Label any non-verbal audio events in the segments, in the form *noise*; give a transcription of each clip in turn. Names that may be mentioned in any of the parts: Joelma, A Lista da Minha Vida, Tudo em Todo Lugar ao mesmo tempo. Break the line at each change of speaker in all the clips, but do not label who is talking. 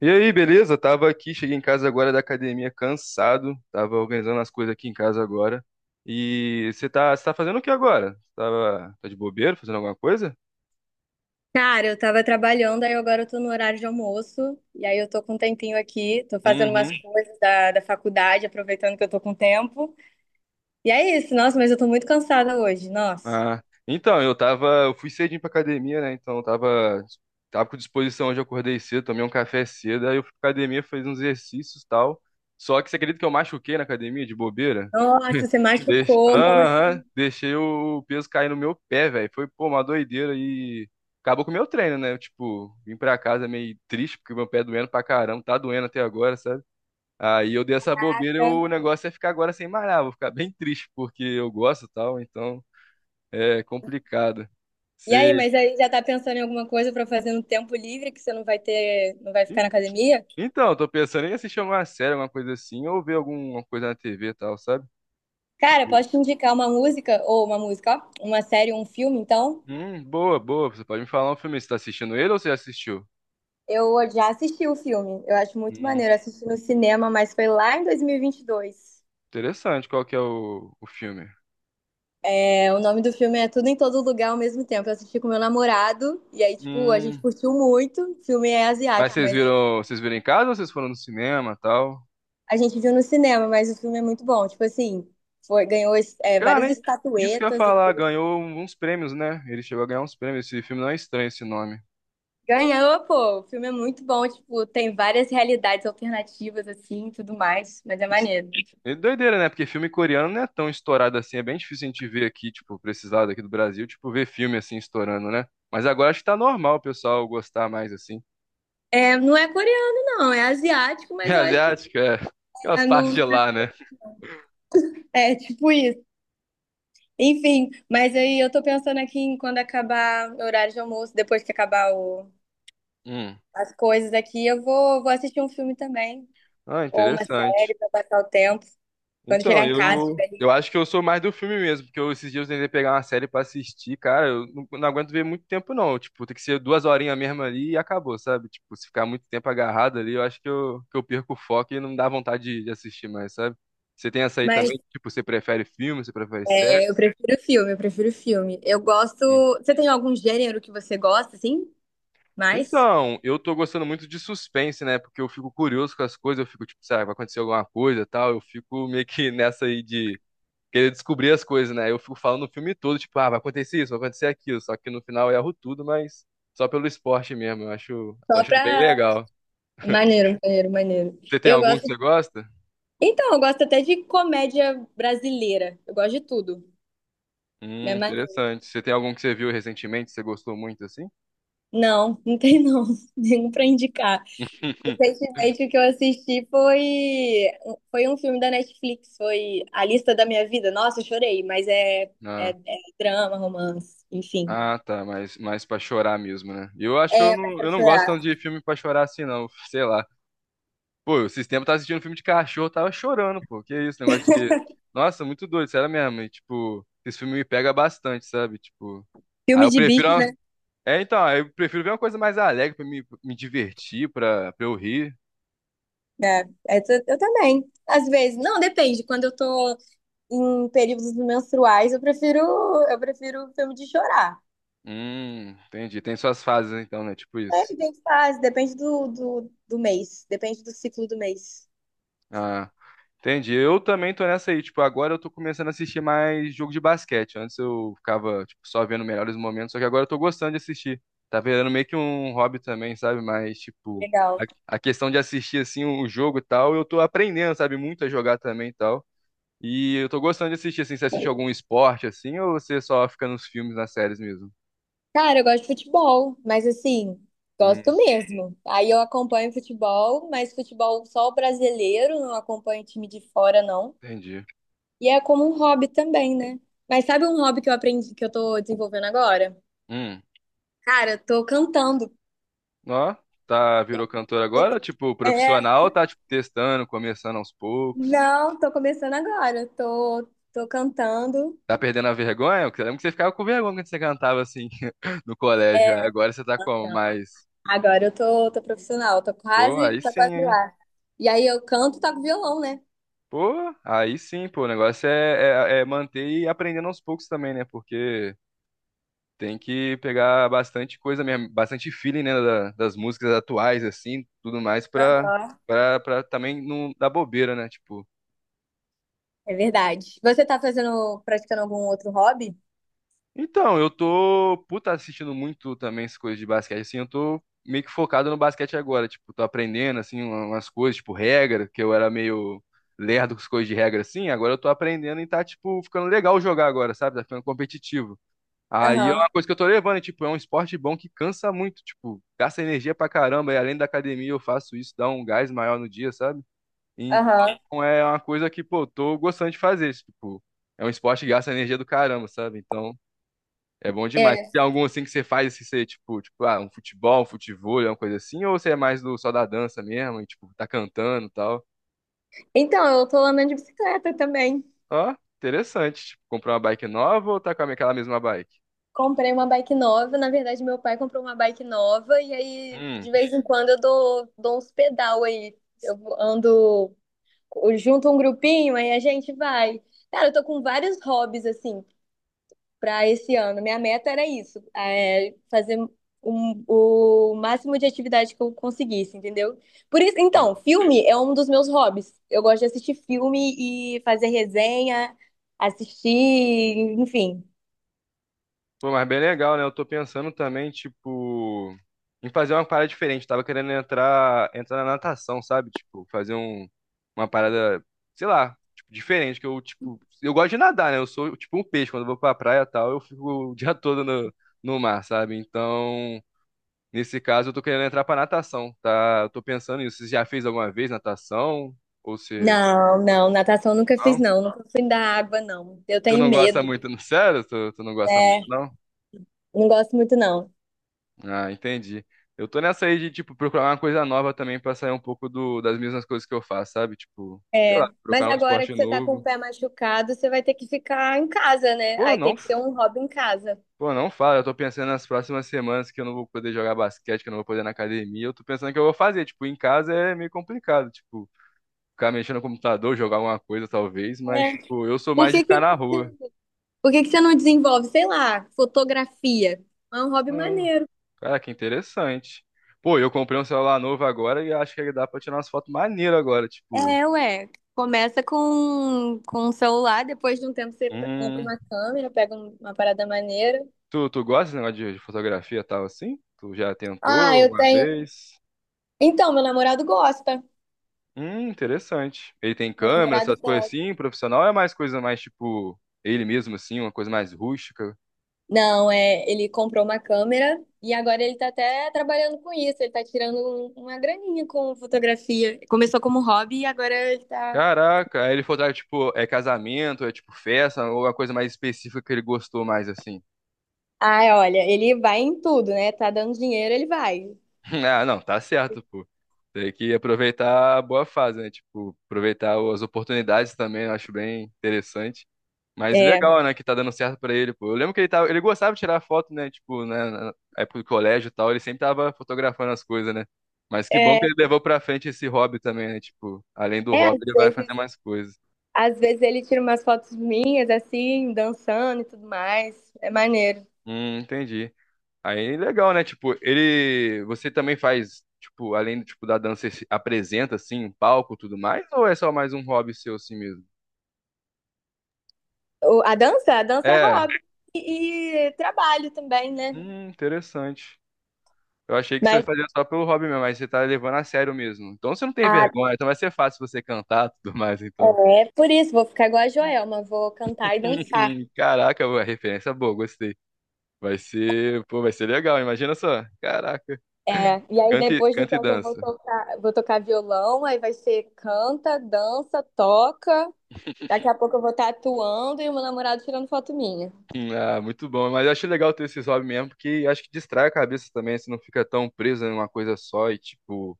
E aí, beleza? Tava aqui, cheguei em casa agora da academia cansado, tava organizando as coisas aqui em casa agora. E você tá fazendo o que agora? Tava, tá de bobeira, fazendo alguma coisa?
Cara, eu tava trabalhando, aí agora eu tô no horário de almoço, e aí eu tô com um tempinho aqui, tô fazendo umas
Uhum.
coisas da faculdade, aproveitando que eu tô com tempo. E é isso, nossa, mas eu tô muito cansada hoje, nossa.
Ah, então, eu fui cedinho pra academia, né? Tava com disposição hoje, eu acordei cedo, tomei um café cedo, aí eu fui pra academia, fiz uns exercícios e tal. Só que você acredita que eu machuquei na academia de bobeira?
Nossa, você machucou, como
Aham,
assim?
deixei o peso cair no meu pé, velho. Foi, pô, uma doideira e acabou com o meu treino, né? Eu, tipo, vim pra casa meio triste porque meu pé doendo pra caramba, tá doendo até agora, sabe? Aí eu dei essa bobeira e o
Tá?
negócio é ficar agora sem malhar, vou ficar bem triste porque eu gosto e tal, então é complicado.
E
Você...
aí, mas aí já tá pensando em alguma coisa pra fazer no tempo livre que você não vai ter, não vai ficar
En-
na academia?
Então, eu tô pensando em assistir uma série, alguma coisa assim, ou ver alguma coisa na TV e tal, sabe?
Cara,
Tipo,
posso te indicar uma música, ou uma música, ó, uma série, um filme, então?
boa, boa. Você pode me falar um filme, você tá assistindo ele ou você já assistiu?
Eu já assisti o filme, eu acho muito
Hum.
maneiro, assisti no cinema, mas foi lá em 2022.
Interessante, qual que é o filme?
É, o nome do filme é Tudo em Todo Lugar ao mesmo tempo. Eu assisti com meu namorado e aí, tipo, a gente
Hum,
curtiu muito. O filme é
Mas
asiático, mas
vocês viram em casa ou vocês foram no cinema, tal?
a gente viu no cinema, mas o filme é muito bom. Tipo assim, foi, ganhou
Cara,
várias
hein? Isso que eu ia
estatuetas e
falar,
tudo.
ganhou uns prêmios, né? Ele chegou a ganhar uns prêmios. Esse filme não é estranho esse nome.
Ganhou, pô. O filme é muito bom. Tipo, tem várias realidades alternativas, assim, e tudo mais. Mas é
Es-
maneiro.
É doideira, né? Porque filme coreano não é tão estourado assim. É bem difícil a gente ver aqui, tipo, precisar daqui do Brasil, tipo, ver filme assim estourando, né? Mas agora acho que tá normal o pessoal gostar mais assim. *laughs*
É, não é coreano, não. É asiático,
É
mas eu acho que
asiático, é. Aquelas
é,
partes de
no,
lá, né?
é tipo isso. Enfim, mas aí eu tô pensando aqui em quando acabar o horário de almoço, depois que acabar o,
Hum.
as coisas aqui, vou assistir um filme também,
Ah,
ou uma
interessante.
série para passar o tempo, quando
Então,
chegar em casa, estiver livre.
eu acho que eu sou mais do filme mesmo, porque eu, esses dias eu tentei pegar uma série pra assistir, cara, eu não, não aguento ver muito tempo não, tipo, tem que ser duas horinhas mesmo ali e acabou, sabe? Tipo, se ficar muito tempo agarrado ali, eu acho que que eu perco o foco e não dá vontade de assistir mais, sabe? Você tem essa aí
Mas
também, tipo, você prefere filme, você prefere série?
é, eu prefiro filme. Eu gosto.
Hum.
Você tem algum gênero que você gosta, assim? Mais?
Então, eu tô gostando muito de suspense, né? Porque eu fico curioso com as coisas, eu fico tipo, sabe, vai acontecer alguma coisa e tal, eu fico meio que *laughs* nessa aí de querer descobrir as coisas, né? Eu fico falando o filme todo, tipo, ah, vai acontecer isso, vai acontecer aquilo. Só que no final eu erro tudo, mas só pelo esporte mesmo. Eu acho, tô
Só
achando
pra.
bem legal.
Maneiro, maneiro, maneiro.
Você tem
Eu
algum que
gosto.
você gosta?
Então, eu gosto até de comédia brasileira. Eu gosto de tudo. É maneiro.
Interessante. Você tem algum que você viu recentemente, que você gostou muito assim?
Não, *laughs* não tem não. *laughs* Nenhum pra indicar.
*laughs*
Recentemente, o que eu assisti foi, foi um filme da Netflix, foi A Lista da Minha Vida. Nossa, eu chorei, mas
Ah,
é drama, romance, enfim.
ah, tá, mas mais para chorar mesmo, né? Eu acho que
É, mas pra
eu não gosto
chorar.
tanto de filme pra chorar assim, não. *laughs* Sei lá. Pô, esses tempos eu tava assistindo um filme de cachorro, eu tava chorando, pô. Que isso, negócio de. Nossa, muito doido, sério mesmo. E, tipo, esse filme me pega bastante, sabe? Tipo. Aí
Filme
eu
de
prefiro.
bicho,
Uma-
né?
É, então, aí eu prefiro ver uma coisa mais alegre pra me divertir, pra eu rir.
É, eu também. Às vezes, não, depende. Quando eu tô em períodos menstruais, eu prefiro filme de chorar.
Entendi. Tem suas fases, então, né? Tipo
É,
isso.
tem fase, depende do mês, depende do ciclo do mês.
Ah, entendi. Eu também tô nessa aí. Tipo, agora eu tô começando a assistir mais jogo de basquete. Antes eu ficava, tipo, só vendo melhores momentos, só que agora eu tô gostando de assistir. Tá virando meio que um hobby também, sabe? Mas, tipo,
Legal.
a questão de assistir, assim, o jogo e tal, eu tô aprendendo, sabe? Muito a jogar também e tal. E eu tô gostando de assistir, assim, você assiste algum esporte, assim, ou você só fica nos filmes, nas séries mesmo?
Cara, eu gosto de futebol, mas assim, gosto
Hum,
mesmo. Aí eu acompanho futebol, mas futebol só o brasileiro, não acompanho time de fora, não.
entendi.
E é como um hobby também, né? Mas sabe um hobby que eu aprendi, que eu tô desenvolvendo agora?
Hum,
Cara, eu tô cantando.
ó, tá, virou cantor agora? Tipo,
É,
profissional, tá, tipo, testando, começando aos poucos?
não, tô começando agora. Tô cantando.
Tá perdendo a vergonha? Porque eu lembro que você ficava com vergonha quando você cantava assim *laughs* no colégio. Aí agora você tá como?
Não,
Mas,
agora tô profissional,
pô, aí
tô
sim,
quase
hein?
lá. E aí eu canto, toco violão, né?
Pô, aí sim, pô. O negócio é, é manter e aprendendo aos poucos também, né? Porque tem que pegar bastante coisa mesmo, bastante feeling, né? Das músicas atuais, assim, tudo mais,
Aham.
pra também não dar bobeira, né? Tipo.
É verdade. Você tá fazendo, praticando algum outro hobby?
Então, eu tô, puta, assistindo muito também essas coisas de basquete, assim, eu tô meio que focado no basquete agora, tipo, tô aprendendo, assim, umas coisas, tipo, regra, que eu era meio lerdo com as coisas de regra, assim, agora eu tô aprendendo e tá, tipo, ficando legal jogar agora, sabe, tá ficando competitivo. Aí é uma
Aham,
coisa que eu tô levando, e, tipo, é um esporte bom que cansa muito, tipo, gasta energia pra caramba, e além da academia eu faço isso, dá um gás maior no dia, sabe?
aham.
Então é uma coisa que, pô, tô gostando de fazer, tipo, é um esporte que gasta energia do caramba, sabe? Então... É bom demais. Tem
É.
algum assim que você faz, assim, você, tipo, ah, um futebol, um futevôlei, alguma coisa assim, ou você é mais do só da dança mesmo, e, tipo, tá cantando e tal?
Então, eu tô andando de bicicleta também.
Ó, interessante. Tipo, comprar uma bike nova ou tá com aquela mesma bike?
Comprei uma bike nova. Na verdade, meu pai comprou uma bike nova. E aí,
Hum,
de vez em quando, dou uns pedal aí. Eu ando, eu junto um grupinho, aí a gente vai. Cara, eu tô com vários hobbies, assim, para esse ano. Minha meta era isso, é fazer o máximo de atividade que eu conseguisse, entendeu? Por isso, então, filme é um dos meus hobbies. Eu gosto de assistir filme e fazer resenha, assistir, enfim.
Pô, mas bem legal, né? Eu tô pensando também, tipo, em fazer uma parada diferente. Tava querendo entrar na natação, sabe? Tipo, fazer um, uma parada, sei lá, tipo, diferente. Que eu, tipo, eu gosto de nadar, né? Eu sou tipo um peixe. Quando eu vou pra praia e tal, eu fico o dia *laughs* todo no, no mar, sabe? Então, nesse caso, eu tô querendo entrar pra natação, tá? Eu tô pensando nisso. Você já fez alguma vez natação? Ou se.
Não, não, natação eu nunca fiz,
Não?
não. Nunca fui da água, não. Eu
Tu
tenho
não gosta
medo.
muito, não? Sério? Tu não gosta muito,
É,
não?
não gosto muito, não.
Ah, entendi. Eu tô nessa aí de, tipo, procurar uma coisa nova também pra sair um pouco do, das mesmas coisas que eu faço, sabe? Tipo, sei lá,
É, mas
procurar um
agora
esporte
que você tá com o
novo.
pé machucado, você vai ter que ficar em casa, né?
Pô,
Aí
não,
tem que ser um hobby em casa.
não fala. Eu tô pensando nas próximas semanas que eu não vou poder jogar basquete, que eu não vou poder ir na academia. Eu tô pensando o que eu vou fazer. Tipo, em casa é meio complicado. Tipo, ficar mexendo no computador, jogar alguma coisa, talvez. Mas,
É.
tipo, eu sou
Por
mais de
que que
ficar na rua.
Por que que você não desenvolve, sei lá, fotografia? É um hobby
Ah,
maneiro.
cara, que interessante. Pô, eu comprei um celular novo agora e acho que dá pra tirar umas fotos maneiras agora, tipo.
É, ué. Começa com um celular, depois de um tempo você compra
Hum.
uma câmera, pega uma parada maneira.
Tu gosta desse negócio de fotografia e tal assim? Tu já
Ah,
tentou
eu
uma
tenho.
vez?
Então, meu namorado gosta.
Interessante. Ele tem
Meu
câmera,
namorado
essas coisas
gosta.
assim, profissional ou é mais coisa mais tipo ele mesmo assim, uma coisa mais rústica.
Não, é, ele comprou uma câmera e agora ele tá até trabalhando com isso. Ele tá tirando uma graninha com fotografia. Começou como hobby e agora ele tá.
Caraca, aí ele fotografa tipo é casamento, é tipo festa, ou uma coisa mais específica que ele gostou mais assim.
Ah, olha, ele vai em tudo, né? Tá dando dinheiro, ele vai.
*laughs* Ah, não, tá certo, pô. Tem que aproveitar a boa fase, né? Tipo, aproveitar as oportunidades também, eu acho bem interessante. Mas legal, né, que tá dando certo pra ele, pô. Eu lembro que ele tava, ele gostava de tirar foto, né, tipo, né, na época do colégio e tal, ele sempre tava fotografando as coisas, né? Mas que bom que
É.
ele levou pra frente esse hobby também, né? Tipo, além do
É,
hobby, ele vai fazer mais coisas.
às vezes ele tira umas fotos minhas, assim, dançando e tudo mais. É maneiro.
Entendi. Aí legal, né? Tipo, ele, você também faz, tipo, além, tipo, da dança, você se apresenta assim, em palco, e tudo mais, ou é só mais um hobby seu assim mesmo?
A dança, a dança é
É.
hobby e trabalho também, né?
Interessante. Eu achei que você
Mas
fazia só pelo hobby mesmo, mas você tá levando a sério mesmo. Então você não tem
ah,
vergonha, então vai ser fácil você cantar e tudo mais, então.
é por isso, vou ficar igual a Joelma, vou cantar e dançar.
*laughs* Caraca, boa, referência boa, gostei. Vai ser, pô, vai ser legal, imagina só. Caraca.
É, e aí depois do
Canta e
tempo
dança.
vou tocar violão, aí vai ser canta, dança, toca. Daqui a pouco eu vou estar atuando e o meu namorado tirando foto minha.
Ah, muito bom. Mas eu acho legal ter esses hobbies mesmo, porque eu acho que distrai a cabeça também, você não fica tão preso em uma coisa só e, tipo,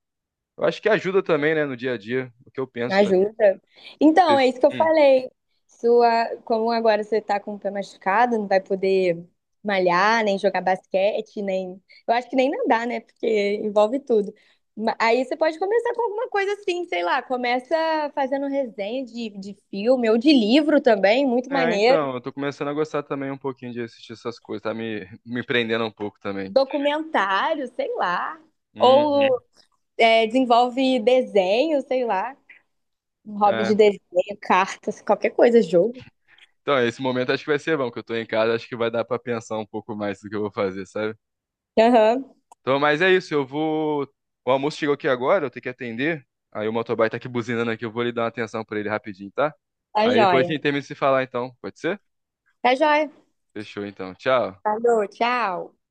eu acho que ajuda também, né, no dia a dia, o que eu penso também.
Ajuda. Então, é isso que eu
Hum.
falei. Sua, como agora você tá com o pé machucado, não vai poder malhar, nem jogar basquete, nem. Eu acho que nem nadar, né? Porque envolve tudo. Aí você pode começar com alguma coisa assim, sei lá, começa fazendo resenha de filme ou de livro também, muito
É,
maneiro.
então, eu tô começando a gostar também um pouquinho de assistir essas coisas, tá me prendendo um pouco também.
Documentário, sei lá. Ou
Uhum.
é, desenvolve desenho, sei lá. Um hobby de
É.
desenho, cartas, qualquer coisa, jogo.
Então, esse momento acho que vai ser bom, que eu tô em casa, acho que vai dar pra pensar um pouco mais do que eu vou fazer, sabe?
Aham,
Então, mas é isso, eu vou. O almoço chegou aqui agora, eu tenho que atender. Aí o motoboy tá aqui buzinando aqui, eu vou lhe dar uma atenção pra ele rapidinho, tá?
tá
Aí depois a
joia.
gente termina de se falar então, pode ser?
Tá joia.
Fechou então, tchau.
Falou, tchau.